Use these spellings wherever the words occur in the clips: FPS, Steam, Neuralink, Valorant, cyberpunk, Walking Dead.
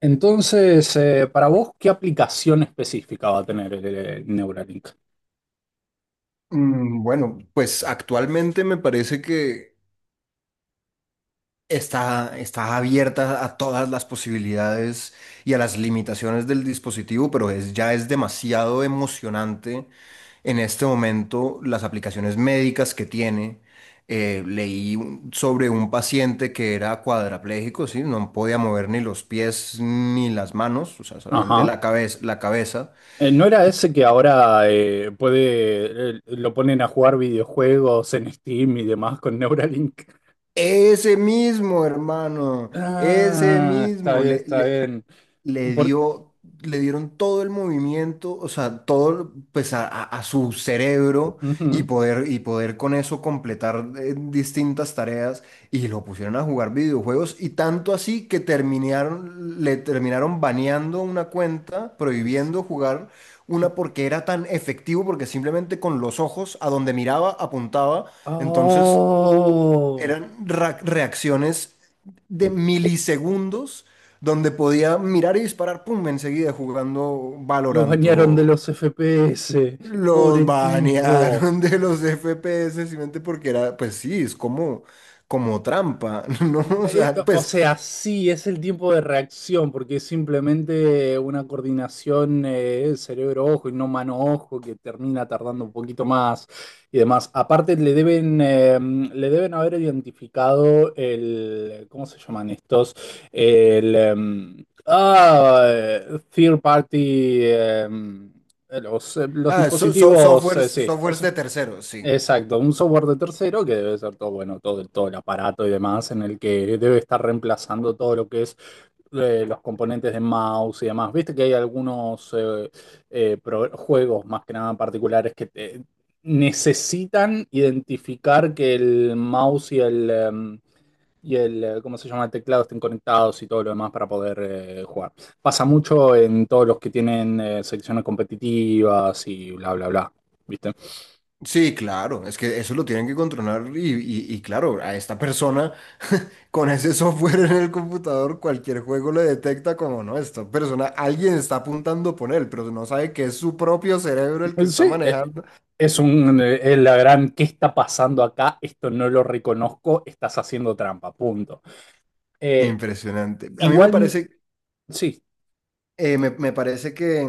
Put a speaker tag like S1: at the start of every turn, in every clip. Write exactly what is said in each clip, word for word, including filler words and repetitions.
S1: Entonces, eh, para vos, ¿qué aplicación específica va a tener el, el Neuralink?
S2: Mm, Bueno, pues actualmente me parece que está, está abierta a todas las posibilidades y a las limitaciones del dispositivo, pero es, ya es demasiado emocionante en este momento las aplicaciones médicas que tiene. Eh, leí un- sobre un paciente que era cuadrapléjico, ¿sí? No podía mover ni los pies ni las manos, o sea, solamente
S1: Ajá.
S2: la cabeza, la cabeza.
S1: Eh, ¿no era ese que ahora eh, puede, eh, lo ponen a jugar videojuegos en Steam y demás con Neuralink?
S2: Ese mismo, hermano, ese
S1: Ah, está
S2: mismo.
S1: bien, está bien.
S2: le
S1: Por-
S2: dio, Le dieron todo el movimiento, o sea, todo pues a, a- a su cerebro y
S1: Ujú.
S2: poder, y poder con eso completar eh, distintas tareas, y lo pusieron a jugar videojuegos, y tanto así que terminaron, le terminaron baneando una cuenta,
S1: Es-
S2: prohibiendo jugar
S1: que-
S2: una porque era tan efectivo, porque simplemente con los ojos a donde miraba apuntaba, entonces...
S1: ¡Oh!
S2: Eran ra- reacciones de milisegundos donde podía mirar y disparar, pum, enseguida jugando
S1: Lo
S2: Valorant.
S1: bañaron de
S2: O
S1: los F P S.
S2: los
S1: Pobre tipo.
S2: banearon de los F P S simplemente porque era, pues sí, es como, como trampa, ¿no? O
S1: Eh, eh,
S2: sea,
S1: O
S2: pues,
S1: sea, sí, es el tiempo de reacción, porque es simplemente una coordinación eh, cerebro-ojo y no mano-ojo que termina tardando un poquito más y demás. Aparte, le deben, eh, le deben haber identificado el, ¿cómo se llaman estos? ال em, ah, eh, Third party, em, los, em, los
S2: ah, so- so-
S1: dispositivos,
S2: softwares,
S1: eh, sí,
S2: softwares
S1: s-
S2: de terceros, sí.
S1: exacto, un software de tercero que debe ser todo, bueno, todo, el- todo el aparato y demás en el que debe estar reemplazando todo lo que es eh, los componentes de mouse y demás. Viste que hay algunos eh, eh, pro- juegos más que nada particulares que te- necesitan identificar que el mouse y el, em, y el, eh, ¿cómo se llama? El teclado estén conectados y todo lo demás para poder eh, jugar. Pasa mucho en todos los que tienen eh, secciones competitivas y bla, bla, bla. ¿Viste?
S2: Sí, claro, es que eso lo tienen que controlar, y, y- y claro, a esta persona con ese software en el computador, cualquier juego le detecta como no, esta persona, alguien está apuntando por él, pero no sabe que es su propio cerebro el que
S1: Eh,
S2: está
S1: Sí, eh,
S2: manejando.
S1: es un, eh, es la gran, ¿qué está pasando acá? Esto no lo reconozco, estás haciendo trampa, punto. Eh,
S2: Impresionante. A mí me
S1: Igual,
S2: parece,
S1: sí,
S2: eh, me, me parece que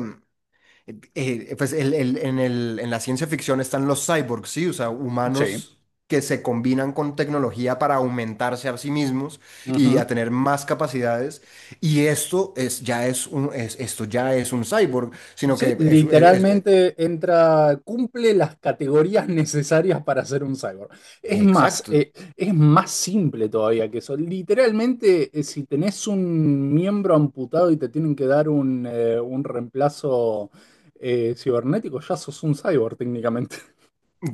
S2: eh, eh, pues el- el- en el- en la ciencia ficción están los cyborgs, ¿sí? O sea,
S1: sí.
S2: humanos que se combinan con tecnología para aumentarse a sí mismos y
S1: Ujú.
S2: a tener más capacidades. Y esto es, ya es un, es- esto ya es un cyborg, sino que
S1: Sí,
S2: es, es- es-
S1: literalmente entra, cumple las categorías necesarias para ser un cyborg. Es más,
S2: Exacto.
S1: eh, es más simple todavía que eso. Literalmente, eh, si tenés un miembro amputado y te tienen que dar un, eh, un reemplazo eh, cibernético, ya sos un cyborg técnicamente.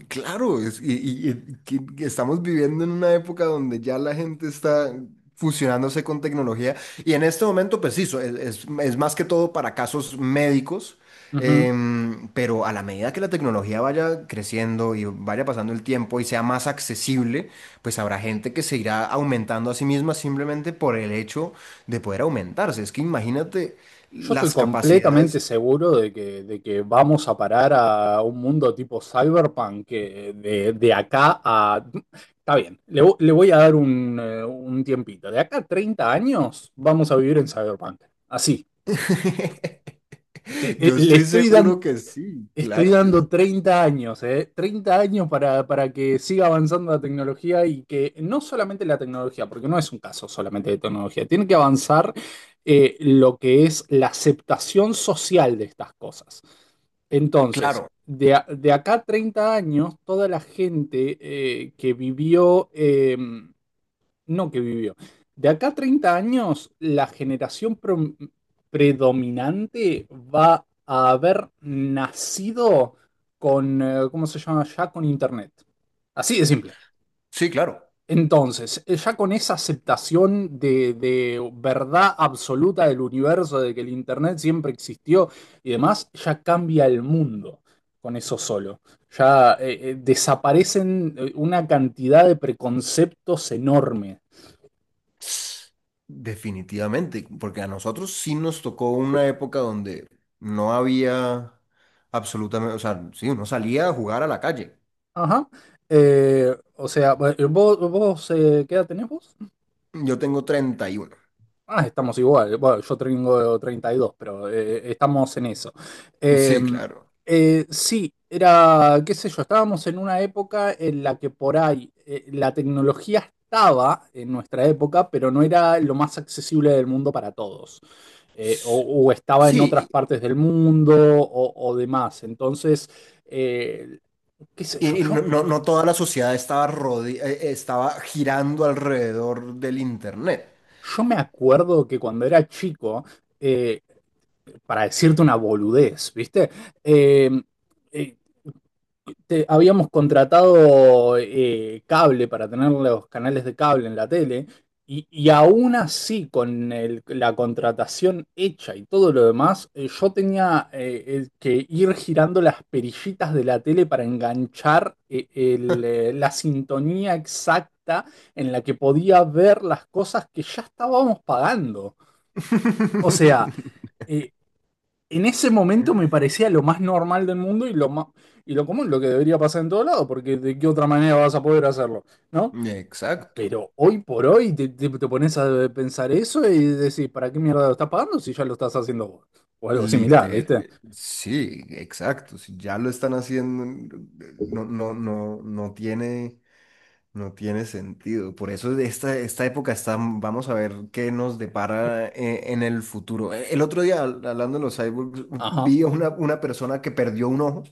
S2: Claro, es- y, y- y que- que estamos viviendo en una época donde ya la gente está fusionándose con tecnología, y en este momento, pues sí, so- es, es- es más que todo para casos médicos, em, pero a la medida que la tecnología vaya creciendo y vaya pasando el tiempo y sea más accesible, pues habrá gente que se irá aumentando a sí misma simplemente por el hecho de poder aumentarse. Es que imagínate
S1: Yo estoy
S2: las
S1: completamente
S2: capacidades.
S1: seguro de que, de que vamos a parar a un mundo tipo cyberpunk que de, de acá a... Está bien, le, vo- le voy a dar un, eh, un tiempito. De acá a treinta años vamos a vivir en cyberpunk. Así. Te- eh,
S2: Yo
S1: le
S2: estoy
S1: estoy dan-
S2: seguro que sí,
S1: Estoy
S2: claro que sí.
S1: dando treinta años, ¿eh? treinta años para, para que siga avanzando la tecnología y que no solamente la tecnología, porque no es un caso solamente de tecnología, tiene que avanzar eh, lo que es la aceptación social de estas cosas. Entonces,
S2: Claro,
S1: de, a- de acá a treinta años, toda la gente eh, que vivió... em, no que vivió. De acá a treinta años, la generación pro- predominante va a haber nacido con, eh, ¿cómo se llama? Ya con Internet. Así de simple.
S2: sí, claro.
S1: Entonces, eh, ya con esa aceptación de, de verdad absoluta del universo, de que el Internet siempre existió y demás, ya cambia el mundo con eso solo. Ya eh, eh, Desaparecen eh, una cantidad de preconceptos enormes.
S2: Definitivamente, porque a nosotros sí nos tocó una época donde no había absolutamente, o sea, sí, uno salía a jugar a la calle.
S1: Ajá. Eh, o sea, bu- vos, vos eh, ¿qué edad tenés vos?
S2: Yo tengo treinta y uno.
S1: Ah, estamos igual. Bueno, yo tengo treinta y dos, pero eh, estamos en eso. Eh,
S2: Sí, claro.
S1: eh, sí, era, qué sé yo, estábamos en una época en la que por ahí eh, la tecnología estaba en nuestra época, pero no era lo más accesible del mundo para todos. Eh, o,
S2: S-
S1: o estaba en otras
S2: Sí,
S1: partes del mundo o, o demás. Entonces... eh, qué sé yo,
S2: y, y
S1: yo...
S2: no, no- no toda la sociedad estaba, rode- eh, estaba girando alrededor del internet.
S1: Yo me acuerdo que cuando era chico, eh, para decirte una boludez, ¿viste? Eh, eh, te- Habíamos contratado eh, cable para tener los canales de cable en la tele y, y aún así con el- la contratación hecha y todo lo demás, eh, yo tenía eh, eh, que ir girando las perillitas de la tele para enganchar eh, el, eh, la sintonía exacta en la que podía ver las cosas que ya estábamos pagando. O sea, eh, en ese momento me parecía lo más normal del mundo y lo más, y lo común, lo que debería pasar en todo lado, porque de qué otra manera vas a poder hacerlo, ¿no?
S2: Exacto.
S1: Pero hoy por hoy te, te- te pones a pensar eso y decís, ¿para qué mierda lo estás pagando si ya lo estás haciendo vos? O algo similar, ¿viste?
S2: Liter, sí, exacto. Si ya lo están haciendo, no, no, no, no tiene, no tiene sentido. Por eso de esta, esta época está, vamos a ver qué nos depara eh, en el futuro. Eh, El otro día, hab- hablando de los cyborgs,
S1: Ajá,
S2: vi a una, una persona que perdió un ojo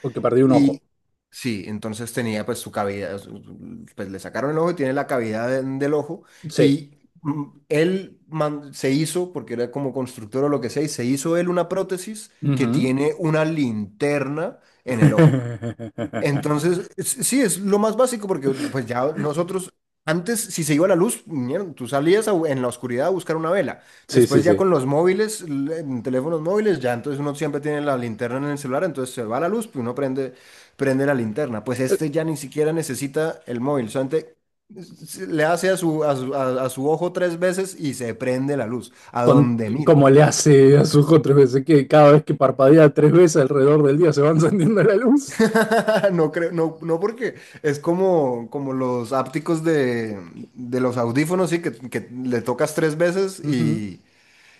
S1: porque perdí un ojo.
S2: y sí, entonces tenía pues su cavidad, su- pues le sacaron el ojo y tiene la cavidad en- del ojo
S1: Sí.
S2: y mm, él man- se hizo, porque era como constructor o lo que sea, y se hizo él una prótesis que
S1: Ujú.
S2: tiene una linterna en el ojo. Entonces, es- sí, es lo más básico porque pues ya nosotros, antes si se iba la luz, mierda, tú salías a bu- en la oscuridad a buscar una vela.
S1: Sí, sí,
S2: Después ya
S1: sí.
S2: con los móviles, l- en teléfonos móviles, ya entonces uno siempre tiene la linterna en el celular, entonces se va la luz, pues uno prende, prende la linterna. Pues
S1: Eh,
S2: este ya ni siquiera necesita el móvil, solamente s- le hace a su, a su, a- a su ojo tres veces y se prende la luz, a
S1: Con,
S2: donde mire.
S1: como le hace a su ojo tres veces, que cada vez que parpadea tres veces alrededor del día se va encendiendo la luz.
S2: No creo, no, no porque es como, como los ápticos de, de los audífonos, sí, que, que le tocas tres veces, y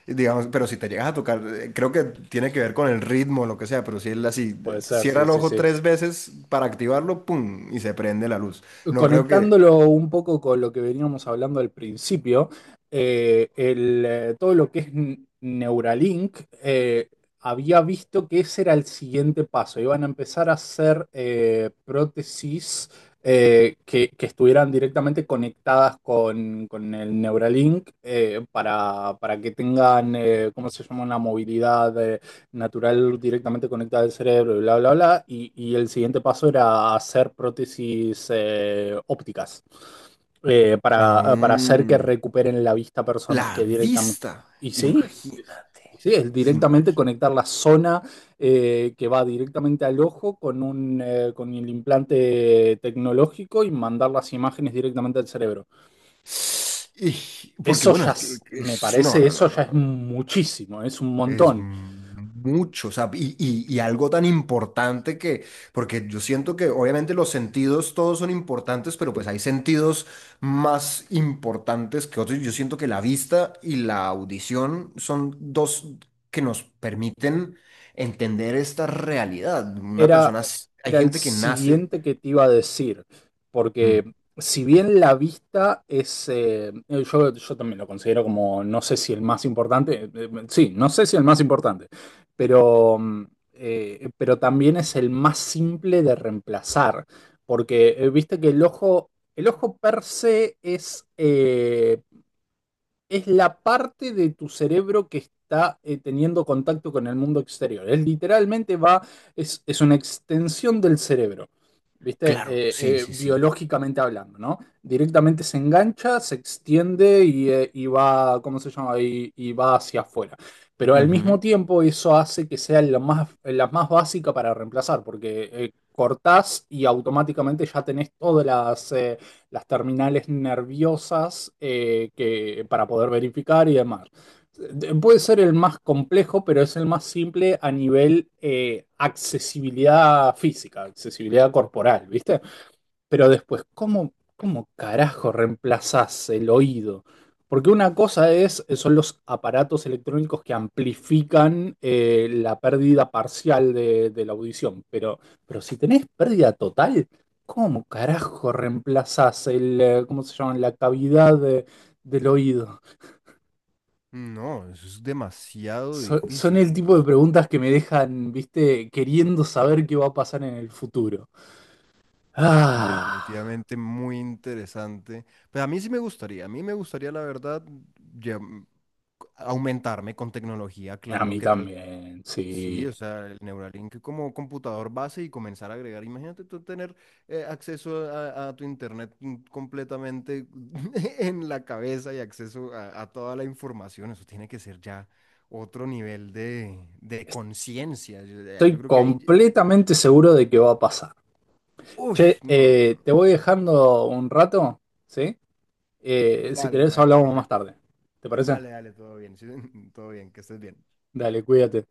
S2: y digamos, pero si te llegas a tocar, eh, creo que tiene que ver con el ritmo o lo que sea, pero si él así
S1: Puede ser,
S2: cierra
S1: sí,
S2: el
S1: sí,
S2: ojo
S1: sí.
S2: tres veces para activarlo, ¡pum! Y se prende la luz. No creo que...
S1: Conectándolo un poco con lo que veníamos hablando al principio, eh, el, eh, todo lo que es N- Neuralink, eh, había visto que ese era el siguiente paso. Iban a empezar a hacer eh, prótesis eh, que, que estuvieran directamente conectadas con, con el Neuralink eh, para, para que tengan, eh, ¿cómo se llama?, una movilidad eh, natural directamente conectada al cerebro y bla, bla, bla. Y, y el siguiente paso era hacer prótesis eh, ópticas eh, para, eh, para hacer que
S2: Aún
S1: recuperen la vista personas
S2: la
S1: que directamente...
S2: vista,
S1: Y sí, es,
S2: imagínate,
S1: y sí, es directamente
S2: imagínate.
S1: conectar la zona eh, que va directamente al ojo con, un, eh, con el implante tecnológico y mandar las imágenes directamente al cerebro.
S2: Y- Porque
S1: Eso
S2: bueno,
S1: ya,
S2: es que-
S1: es- me
S2: es- no,
S1: parece,
S2: no,
S1: eso
S2: no, no,
S1: ya es
S2: no.
S1: muchísimo, es un
S2: Es
S1: montón.
S2: mucho, o sea, y, y- y algo tan importante que, porque yo siento que obviamente los sentidos todos son importantes, pero pues hay sentidos más importantes que otros. Yo siento que la vista y la audición son dos que nos permiten entender esta realidad. Una
S1: Era,
S2: persona, s- hay
S1: era el
S2: gente que nace.
S1: siguiente que te iba a decir, porque
S2: Mm,
S1: si bien la vista es, eh, yo, yo también lo considero como, no sé si el más importante, eh, eh, sí, no sé si el más importante, pero, mm, eh, pero también es el más simple de reemplazar, porque eh, viste que el ojo, el ojo per se es, eh, es la parte de tu cerebro que está eh, teniendo contacto con el mundo exterior. Es literalmente va, es, es una extensión del cerebro, ¿viste?
S2: claro, sí,
S1: Eh, eh,
S2: sí, sí.
S1: biológicamente hablando, ¿no? Directamente se engancha, se extiende y, eh, y va, ¿cómo se llama? Y, y va hacia afuera. Pero al mismo
S2: Ujú.
S1: tiempo eso hace que sea la más, la más básica para reemplazar, porque eh, cortás y automáticamente ya tenés todas las... eh, las terminales nerviosas eh, que, para poder verificar y demás. Puede ser el más complejo, pero es el más simple a nivel eh, accesibilidad física, accesibilidad corporal, ¿viste? Pero después, ¿cómo, cómo carajo reemplazás el oído? Porque una cosa es, son los aparatos electrónicos que amplifican eh, la pérdida parcial de, de la audición, pero, pero si tenés pérdida total, ¿cómo carajo reemplazás el, eh, ¿cómo se llama? La cavidad de- del oído.
S2: No, eso es demasiado
S1: So- son el
S2: difícil.
S1: tipo de preguntas que me dejan, viste, queriendo saber qué va a pasar en el futuro. Ah,
S2: Definitivamente muy interesante. Pues a mí sí me gustaría, a mí me gustaría, la verdad, ya, mm, aumentarme con tecnología,
S1: a
S2: claro,
S1: mí
S2: ¿qué tal?
S1: también,
S2: Sí,
S1: sí.
S2: o sea, el Neuralink como computador base y comenzar a agregar. Imagínate tú tener eh, acceso a, a tu internet mm, completamente en la cabeza y acceso a, a toda la información. Eso tiene que ser ya otro nivel de, de conciencia. Yo, eh, yo
S1: Estoy
S2: creo que ahí...
S1: completamente seguro de que va a pasar.
S2: Uy,
S1: Che,
S2: no, no,
S1: eh,
S2: no.
S1: te voy dejando un rato, ¿sí? Eh, si
S2: Dale,
S1: querés
S2: hermanito,
S1: hablamos
S2: todavía.
S1: más tarde. ¿Te parece?
S2: Dale, dale, todo bien, todo bien, que estés bien.
S1: Dale, cuídate.